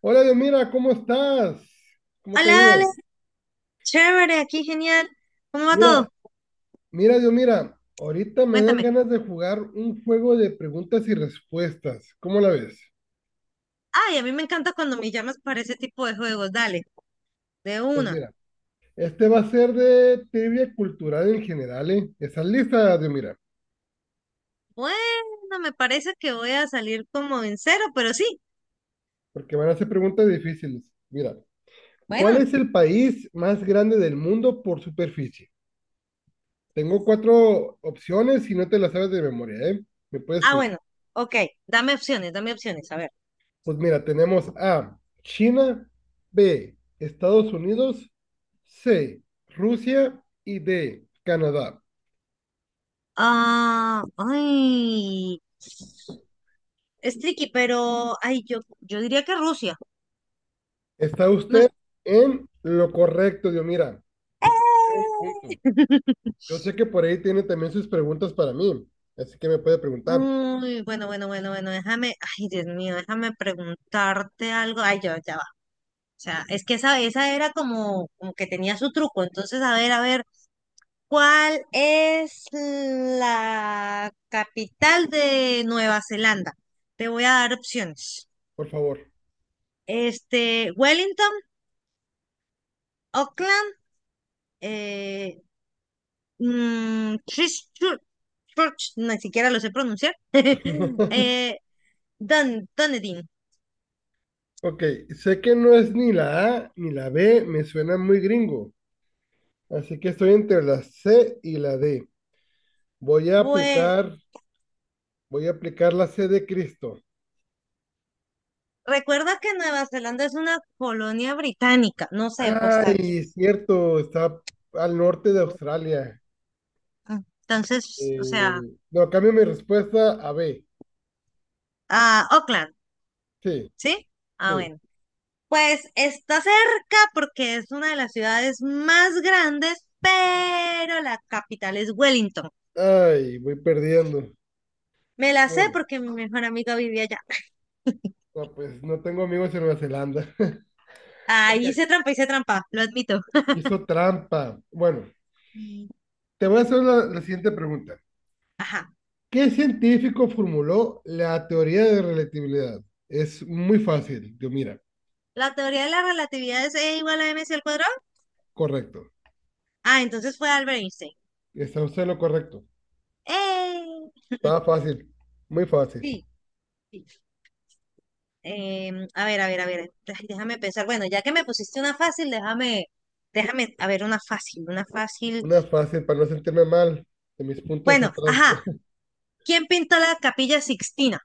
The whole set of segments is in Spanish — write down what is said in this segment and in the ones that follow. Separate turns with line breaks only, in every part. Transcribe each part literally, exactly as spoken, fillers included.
Hola, Dios, mira, ¿cómo estás? ¿Cómo te ha
Hola,
ido?
Ale, chévere, aquí genial. ¿Cómo va
Mira,
todo?
mira, Dios, mira, ahorita me dan
Cuéntame.
ganas de jugar un juego de preguntas y respuestas. ¿Cómo la ves?
Ay, a mí me encanta cuando me llamas para ese tipo de juegos. Dale, de
Pues
una.
mira, este va a ser de trivia cultural en general, ¿eh? ¿Estás lista, Dios, mira?
Bueno, me parece que voy a salir como en cero, pero sí.
Porque van a ser preguntas difíciles. Mira, ¿cuál
Bueno,
es el país más grande del mundo por superficie? Tengo cuatro opciones y no te las sabes de memoria, ¿eh? Me puedes
ah,
pedir.
bueno. Ok, dame opciones, dame opciones, a ver.
Pues mira, tenemos A, China, B, Estados Unidos, C, Rusia y D, Canadá.
Ah, ay, es tricky, pero, ay, yo, yo diría que Rusia.
Está
No es.
usted en lo correcto, Dios. Mira, usted tiene un punto. Yo sé que por ahí tiene también sus preguntas para mí, así que me puede preguntar,
Uy, bueno, bueno, bueno, bueno, déjame, ay, Dios mío, déjame preguntarte algo. Ay, yo, ya. O sea, es que esa, esa era como, como que tenía su truco. Entonces, a ver, a ver, ¿cuál es la capital de Nueva Zelanda? Te voy a dar opciones.
por favor.
Este, Wellington, Auckland, eh, mm, Christchurch, Church, ni siquiera lo sé pronunciar. eh, Dun- Dunedin.
Ok, sé que no es ni la A ni la B, me suena muy gringo, así que estoy entre la C y la D. Voy a
Pues
aplicar, Voy a aplicar la C de Cristo.
recuerda que Nueva Zelanda es una colonia británica. No sé, pues aquí.
Ay, es cierto, está al norte de Australia.
ah, Entonces, o sea.
Eh, no, cambio mi respuesta a B.
Ah, Oakland,
Sí,
¿sí? Ah,
sí.
bueno. Pues está cerca porque es una de las ciudades más grandes, pero la capital es Wellington.
Ay, voy perdiendo.
Me la sé
Bueno,
porque mi mejor amiga vivía allá.
no, pues no tengo amigos en Nueva Zelanda. Ok,
Ahí hice trampa, hice trampa, lo admito.
hizo trampa. Bueno,
Y
te voy a hacer la, la siguiente pregunta.
ajá.
¿Qué científico formuló la teoría de relatividad? Es muy fácil, yo mira,
¿La teoría de la relatividad es E igual a mc al cuadrado?
correcto.
Ah, entonces fue Albert Einstein.
Está usted en lo correcto.
¡Eh!
Está fácil, muy fácil.
Sí, sí. Em, a ver, a ver, a ver. Ay, déjame pensar. Bueno, ya que me pusiste una fácil, déjame, déjame, a ver, una fácil, una fácil.
Una fácil para no sentirme mal de mis puntos
Bueno,
atrás.
ajá. ¿Quién pintó la Capilla Sixtina?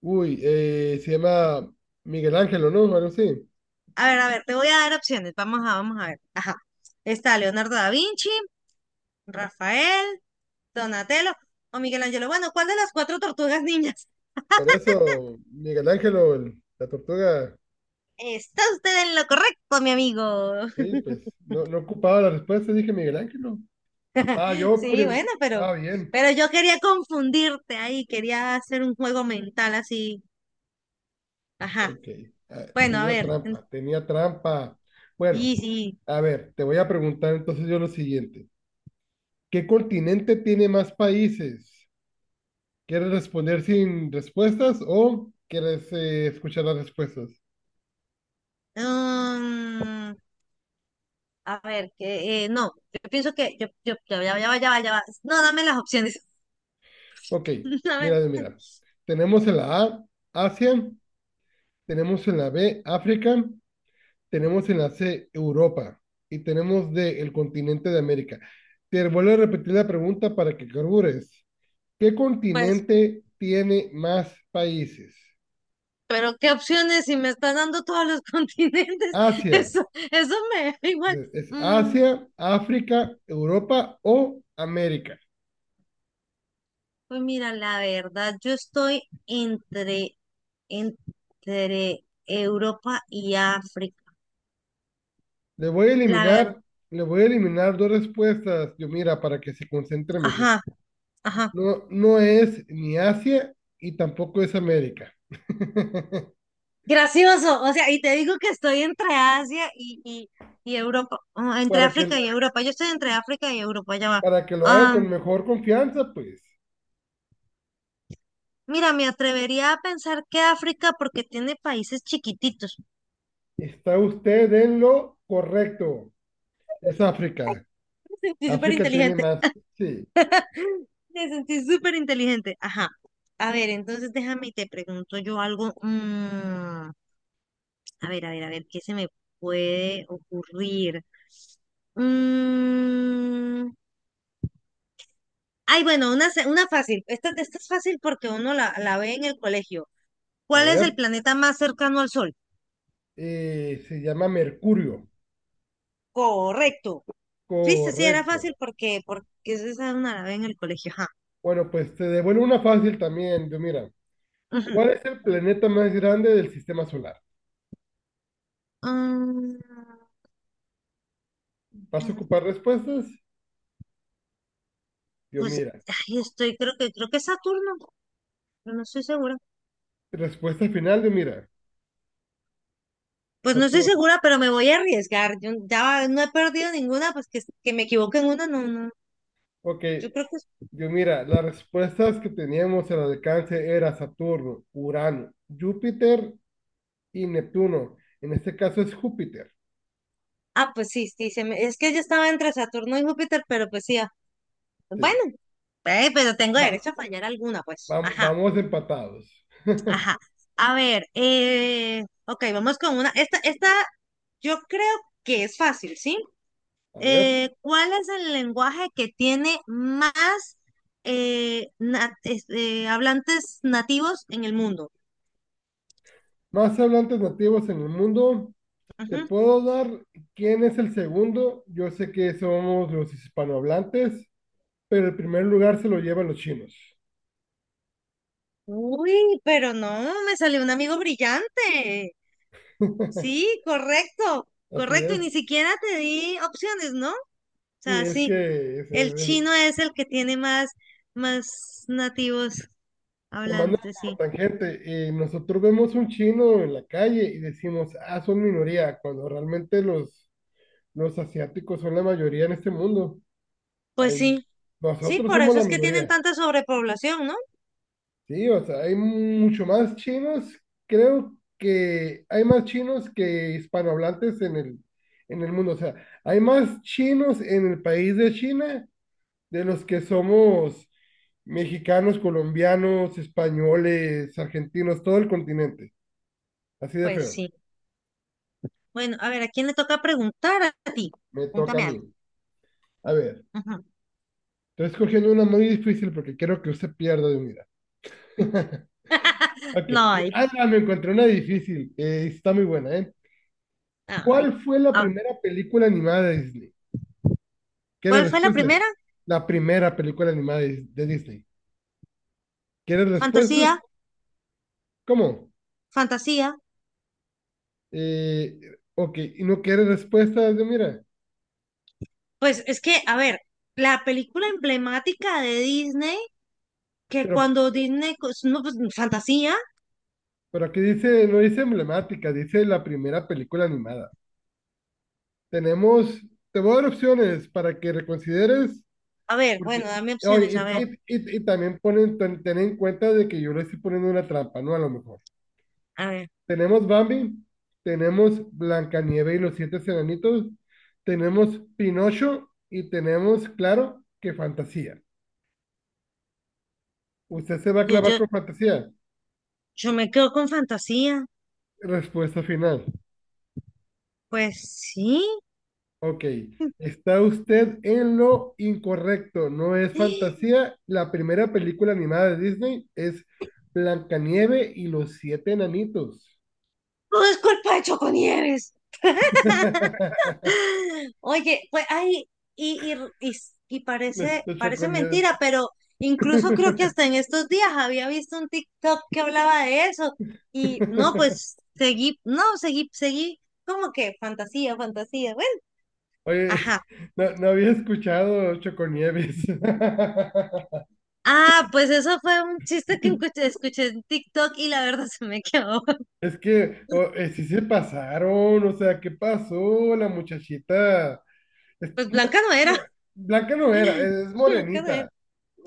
Uy, eh, se llama Miguel Ángelo, ¿no? Algo así.
A ver, a ver, te voy a dar opciones. Vamos a, vamos a ver. Ajá. Está Leonardo da Vinci, Rafael, Donatello o Miguel Ángel. Bueno, ¿cuál de las cuatro tortugas niñas?
Por eso, Miguel Ángelo, el- la tortuga,
Está usted en lo correcto, mi amigo.
sí, pues no, no ocupaba la respuesta, dije Miguel Ángelo. Ah, yo
Sí,
prim-
bueno, pero,
estaba bien.
pero yo quería confundirte ahí, quería hacer un juego mental así. Ajá.
Ok, ah,
Bueno, a
tenía
ver.
trampa, tenía trampa. Bueno,
Sí, sí.
a ver, te voy a preguntar entonces yo lo siguiente. ¿Qué continente tiene más países? ¿Quieres responder sin respuestas o quieres eh, escuchar las respuestas?
Mm, a ver, que eh, no, yo pienso que yo, yo, ya, va, ya, va, ya, va, ya va. No, dame las opciones.
Ok,
A ver,
mira, mira. Tenemos en la A, Asia, tenemos en la B, África, tenemos en la C, Europa y tenemos D, el continente de América. Te vuelvo a repetir la pregunta para que carbures. ¿Qué
pues,
continente tiene más países?
pero qué opciones si me está dando todos los continentes.
Asia,
Eso, eso me da igual.
es
Mm,
Asia, África, Europa o América.
pues mira, la verdad, yo estoy entre, entre Europa y África.
Le voy a
La verdad,
eliminar, Le voy a eliminar dos respuestas, yo mira, para que se concentre mejor.
ajá, ajá.
No, no es ni Asia y tampoco es América.
Gracioso, o sea, y te digo que estoy entre Asia y, y, y Europa. Ah, entre
Para que,
África y Europa. Yo estoy entre África y Europa, ya va.
para que lo haga
Ah,
con mejor confianza, pues
mira, me atrevería a pensar que África porque tiene países chiquititos.
está usted en lo correcto. Es África.
Me sentí súper
África tiene
inteligente.
más. Sí,
Me sentí súper inteligente. Ajá. A ver, entonces déjame y te pregunto yo algo. Mm, a ver, a ver, a ver, ¿qué se me puede ocurrir? Mm, Ay, bueno, una, se- una fácil. Esta, esta es fácil porque uno la, la ve en el colegio.
a
¿Cuál es
ver.
el planeta más cercano al Sol?
Eh, se llama Mercurio.
Correcto. Viste, sí, era
Correcto.
fácil porque, porque esa una la ve en el colegio. Ajá.
Bueno, pues te devuelvo una fácil también. Yo, mira,
Ujú.
¿cuál es el planeta más grande del sistema solar?
Mm,
¿Vas a ocupar respuestas? Yo,
pues,
mira.
ay, estoy, creo que, creo que es Saturno. Pero no estoy segura.
Respuesta final, yo, mira.
Pues no estoy
Saturno.
segura, pero me voy a arriesgar. Yo ya va- no he perdido ninguna, pues que, que me equivoque en una, no, no.
Ok,
Yo creo que es-
yo mira, las respuestas que teníamos al alcance era Saturno, Urano, Júpiter y Neptuno. En este caso es Júpiter.
Ah, pues sí, sí, se me- es que yo estaba entre Saturno y Júpiter, pero pues sí. ah, Bueno,
Sí.
eh, pero tengo
Va,
derecho a fallar alguna, pues.
vam-
Ajá,
vamos empatados.
ajá. A ver, eh, ok, vamos con una. Esta, esta yo creo que es fácil, ¿sí?
A ver,
Eh, ¿cuál es el lenguaje que tiene más eh, na- es- eh, hablantes nativos en el mundo?
más hablantes nativos en el mundo. ¿Te puedo dar quién es el segundo? Yo sé que somos los hispanohablantes, pero el primer lugar se lo llevan los chinos.
Uy, pero no, me salió un amigo brillante. Sí, correcto,
Así
correcto. Y ni
es.
siquiera te di opciones, ¿no? O
Sí,
sea,
es
sí,
que es,
el
es-
chino es el que tiene más, más nativos
tomando
hablantes,
como
sí.
tangente, eh, nosotros vemos un chino en la calle y decimos, ah, son minoría, cuando realmente los, los asiáticos son la mayoría en este mundo.
Pues
Hay-
sí, sí,
Nosotros
por
somos
eso
la
es que tienen
minoría.
tanta sobrepoblación, ¿no?
Sí, o sea, hay mucho más chinos, creo que hay más chinos que hispanohablantes en el, en el mundo. O sea, hay más chinos en el país de China de los que somos mexicanos, colombianos, españoles, argentinos, todo el continente. Así de
Pues
feo.
sí. Bueno, a ver, ¿a quién le toca preguntar a ti?
Me toca a
Pregúntame
mí.
algo.
A ver,
Ujú.
estoy escogiendo una muy difícil porque quiero que usted pierda de unidad. Ok.
No hay,
Ah, no, me encontré una difícil. Eh, está muy buena, ¿eh?
ay.
¿Cuál fue la
Ah,
primera película animada de Disney? ¿Quieres
¿cuál fue la
respuestas?
primera?
La primera película animada de, de Disney. ¿Quieres respuestas?
Fantasía,
¿Cómo?
fantasía.
Eh, ok, y no quieres respuestas, de mira,
Pues es que, a ver, la película emblemática de Disney, que
pero,
cuando Disney, cos- no, pues, fantasía,
pero aquí dice, no dice emblemática, dice la primera película animada. Tenemos, te voy a dar opciones para que reconsideres.
a ver,
Porque,
bueno, dame opciones, a
oye, y,
ver,
y- y- y también ponen, ten, ten en cuenta de que yo le estoy poniendo una trampa, ¿no? A lo mejor.
a ver,
Tenemos Bambi, tenemos Blancanieves y los siete enanitos, tenemos Pinocho y tenemos, claro, que fantasía. ¿Usted se va a
yo,
clavar
yo,
con fantasía?
yo me quedo con fantasía,
Respuesta final.
pues sí.
Ok. Está usted en lo incorrecto. No es fantasía. La primera película animada de Disney es Blancanieve y los siete enanitos.
Todo es culpa de Choconieves. Oye, pues ay, y, y, y, s- y
Le,
parece,
le
parece
Choconieves.
mentira, pero incluso creo que hasta en estos días había visto un TikTok que hablaba de eso. Y no, pues seguí, no, seguí, seguí, como que fantasía, fantasía, bueno,
Oye,
ajá.
no, no había escuchado Choconieves.
Ah, pues eso fue un chiste que escuché, escuché en TikTok y la verdad se me quedó.
Es que o- eh, sí se pasaron, o sea, ¿qué pasó? La muchachita. es-
Pues Blanca no era.
Blanca no era, es, es
Blanca no
morenita.
era.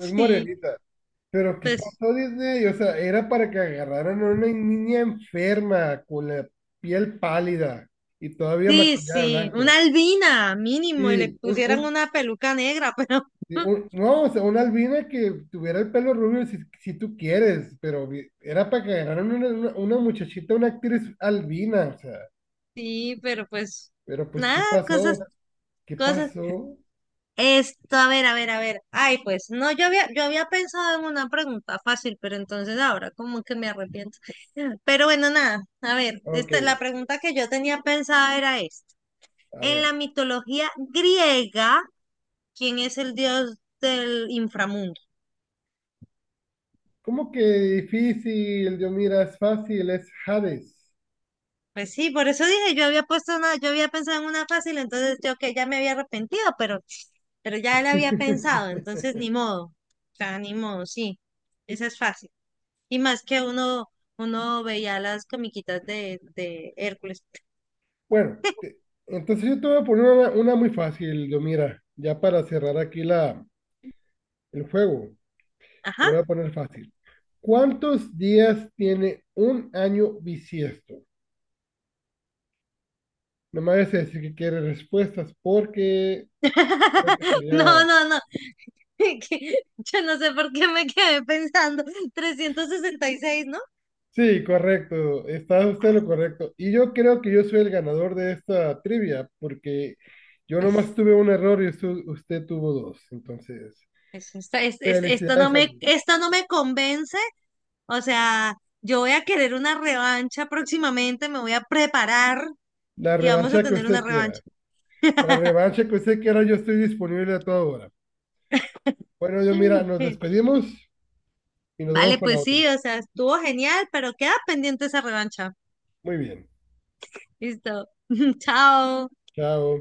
Es morenita. Pero ¿qué
pues
pasó, Disney? O sea, era para que agarraran a una niña enferma con la piel pálida y todavía
sí,
maquillada de
sí, una
blanco.
albina mínimo y le
Sí, un,
pusieran
un-
una peluca negra, pero
Sí, un- no, o sea, una albina que tuviera el pelo rubio si, si tú quieres, pero vi- era para que agarraran una, una, una muchachita, una actriz albina, o sea,
sí, pero pues
pero pues, ¿qué
nada, cosas,
pasó? ¿Qué
cosas.
pasó?
Esto, a ver, a ver, a ver. Ay, pues no, yo había, yo había pensado en una pregunta fácil, pero entonces ahora como que me arrepiento. Pero bueno, nada, a ver,
Ok,
esta, la pregunta que yo tenía pensada era esta.
a
En la
ver,
mitología griega, ¿quién es el dios del inframundo?
¿cómo que difícil? Yo mira, es fácil, es Hades.
Pues sí, por eso dije, yo había puesto una, yo había pensado en una fácil, entonces yo que ya me había arrepentido, pero, pero ya la había pensado, entonces ni modo. O sea, ni modo, sí. Esa es fácil. Y más que uno, uno veía las comiquitas de, de Hércules.
Bueno, te- entonces yo te voy a poner una, una muy fácil, yo mira, ya para cerrar aquí la, el juego. Te
Ajá.
lo voy a poner fácil. ¿Cuántos días tiene un año bisiesto? No me vayas a decir que quiere respuestas porque creo que
No,
sería...
no, no. que Yo no sé por qué me quedé pensando. Trescientos sesenta y seis, ¿no?
Sí, correcto. Está usted en lo correcto. Y yo creo que yo soy el ganador de esta trivia porque yo nomás
Pues,
tuve un error y usted, usted tuvo dos. Entonces,
pues, esta- es- es- esto no
felicidades a
me,
mí.
esto no me convence. O sea, yo voy a querer una revancha próximamente, me voy a preparar
La
y vamos a
revancha que
tener una
usted quiera.
revancha.
La revancha que usted quiera, yo estoy disponible a toda hora. Bueno, yo mira, nos despedimos y nos vemos
Vale,
para la
pues
otra.
sí, o sea, estuvo genial, pero queda pendiente esa revancha.
Muy bien.
Listo. Chao.
Chao.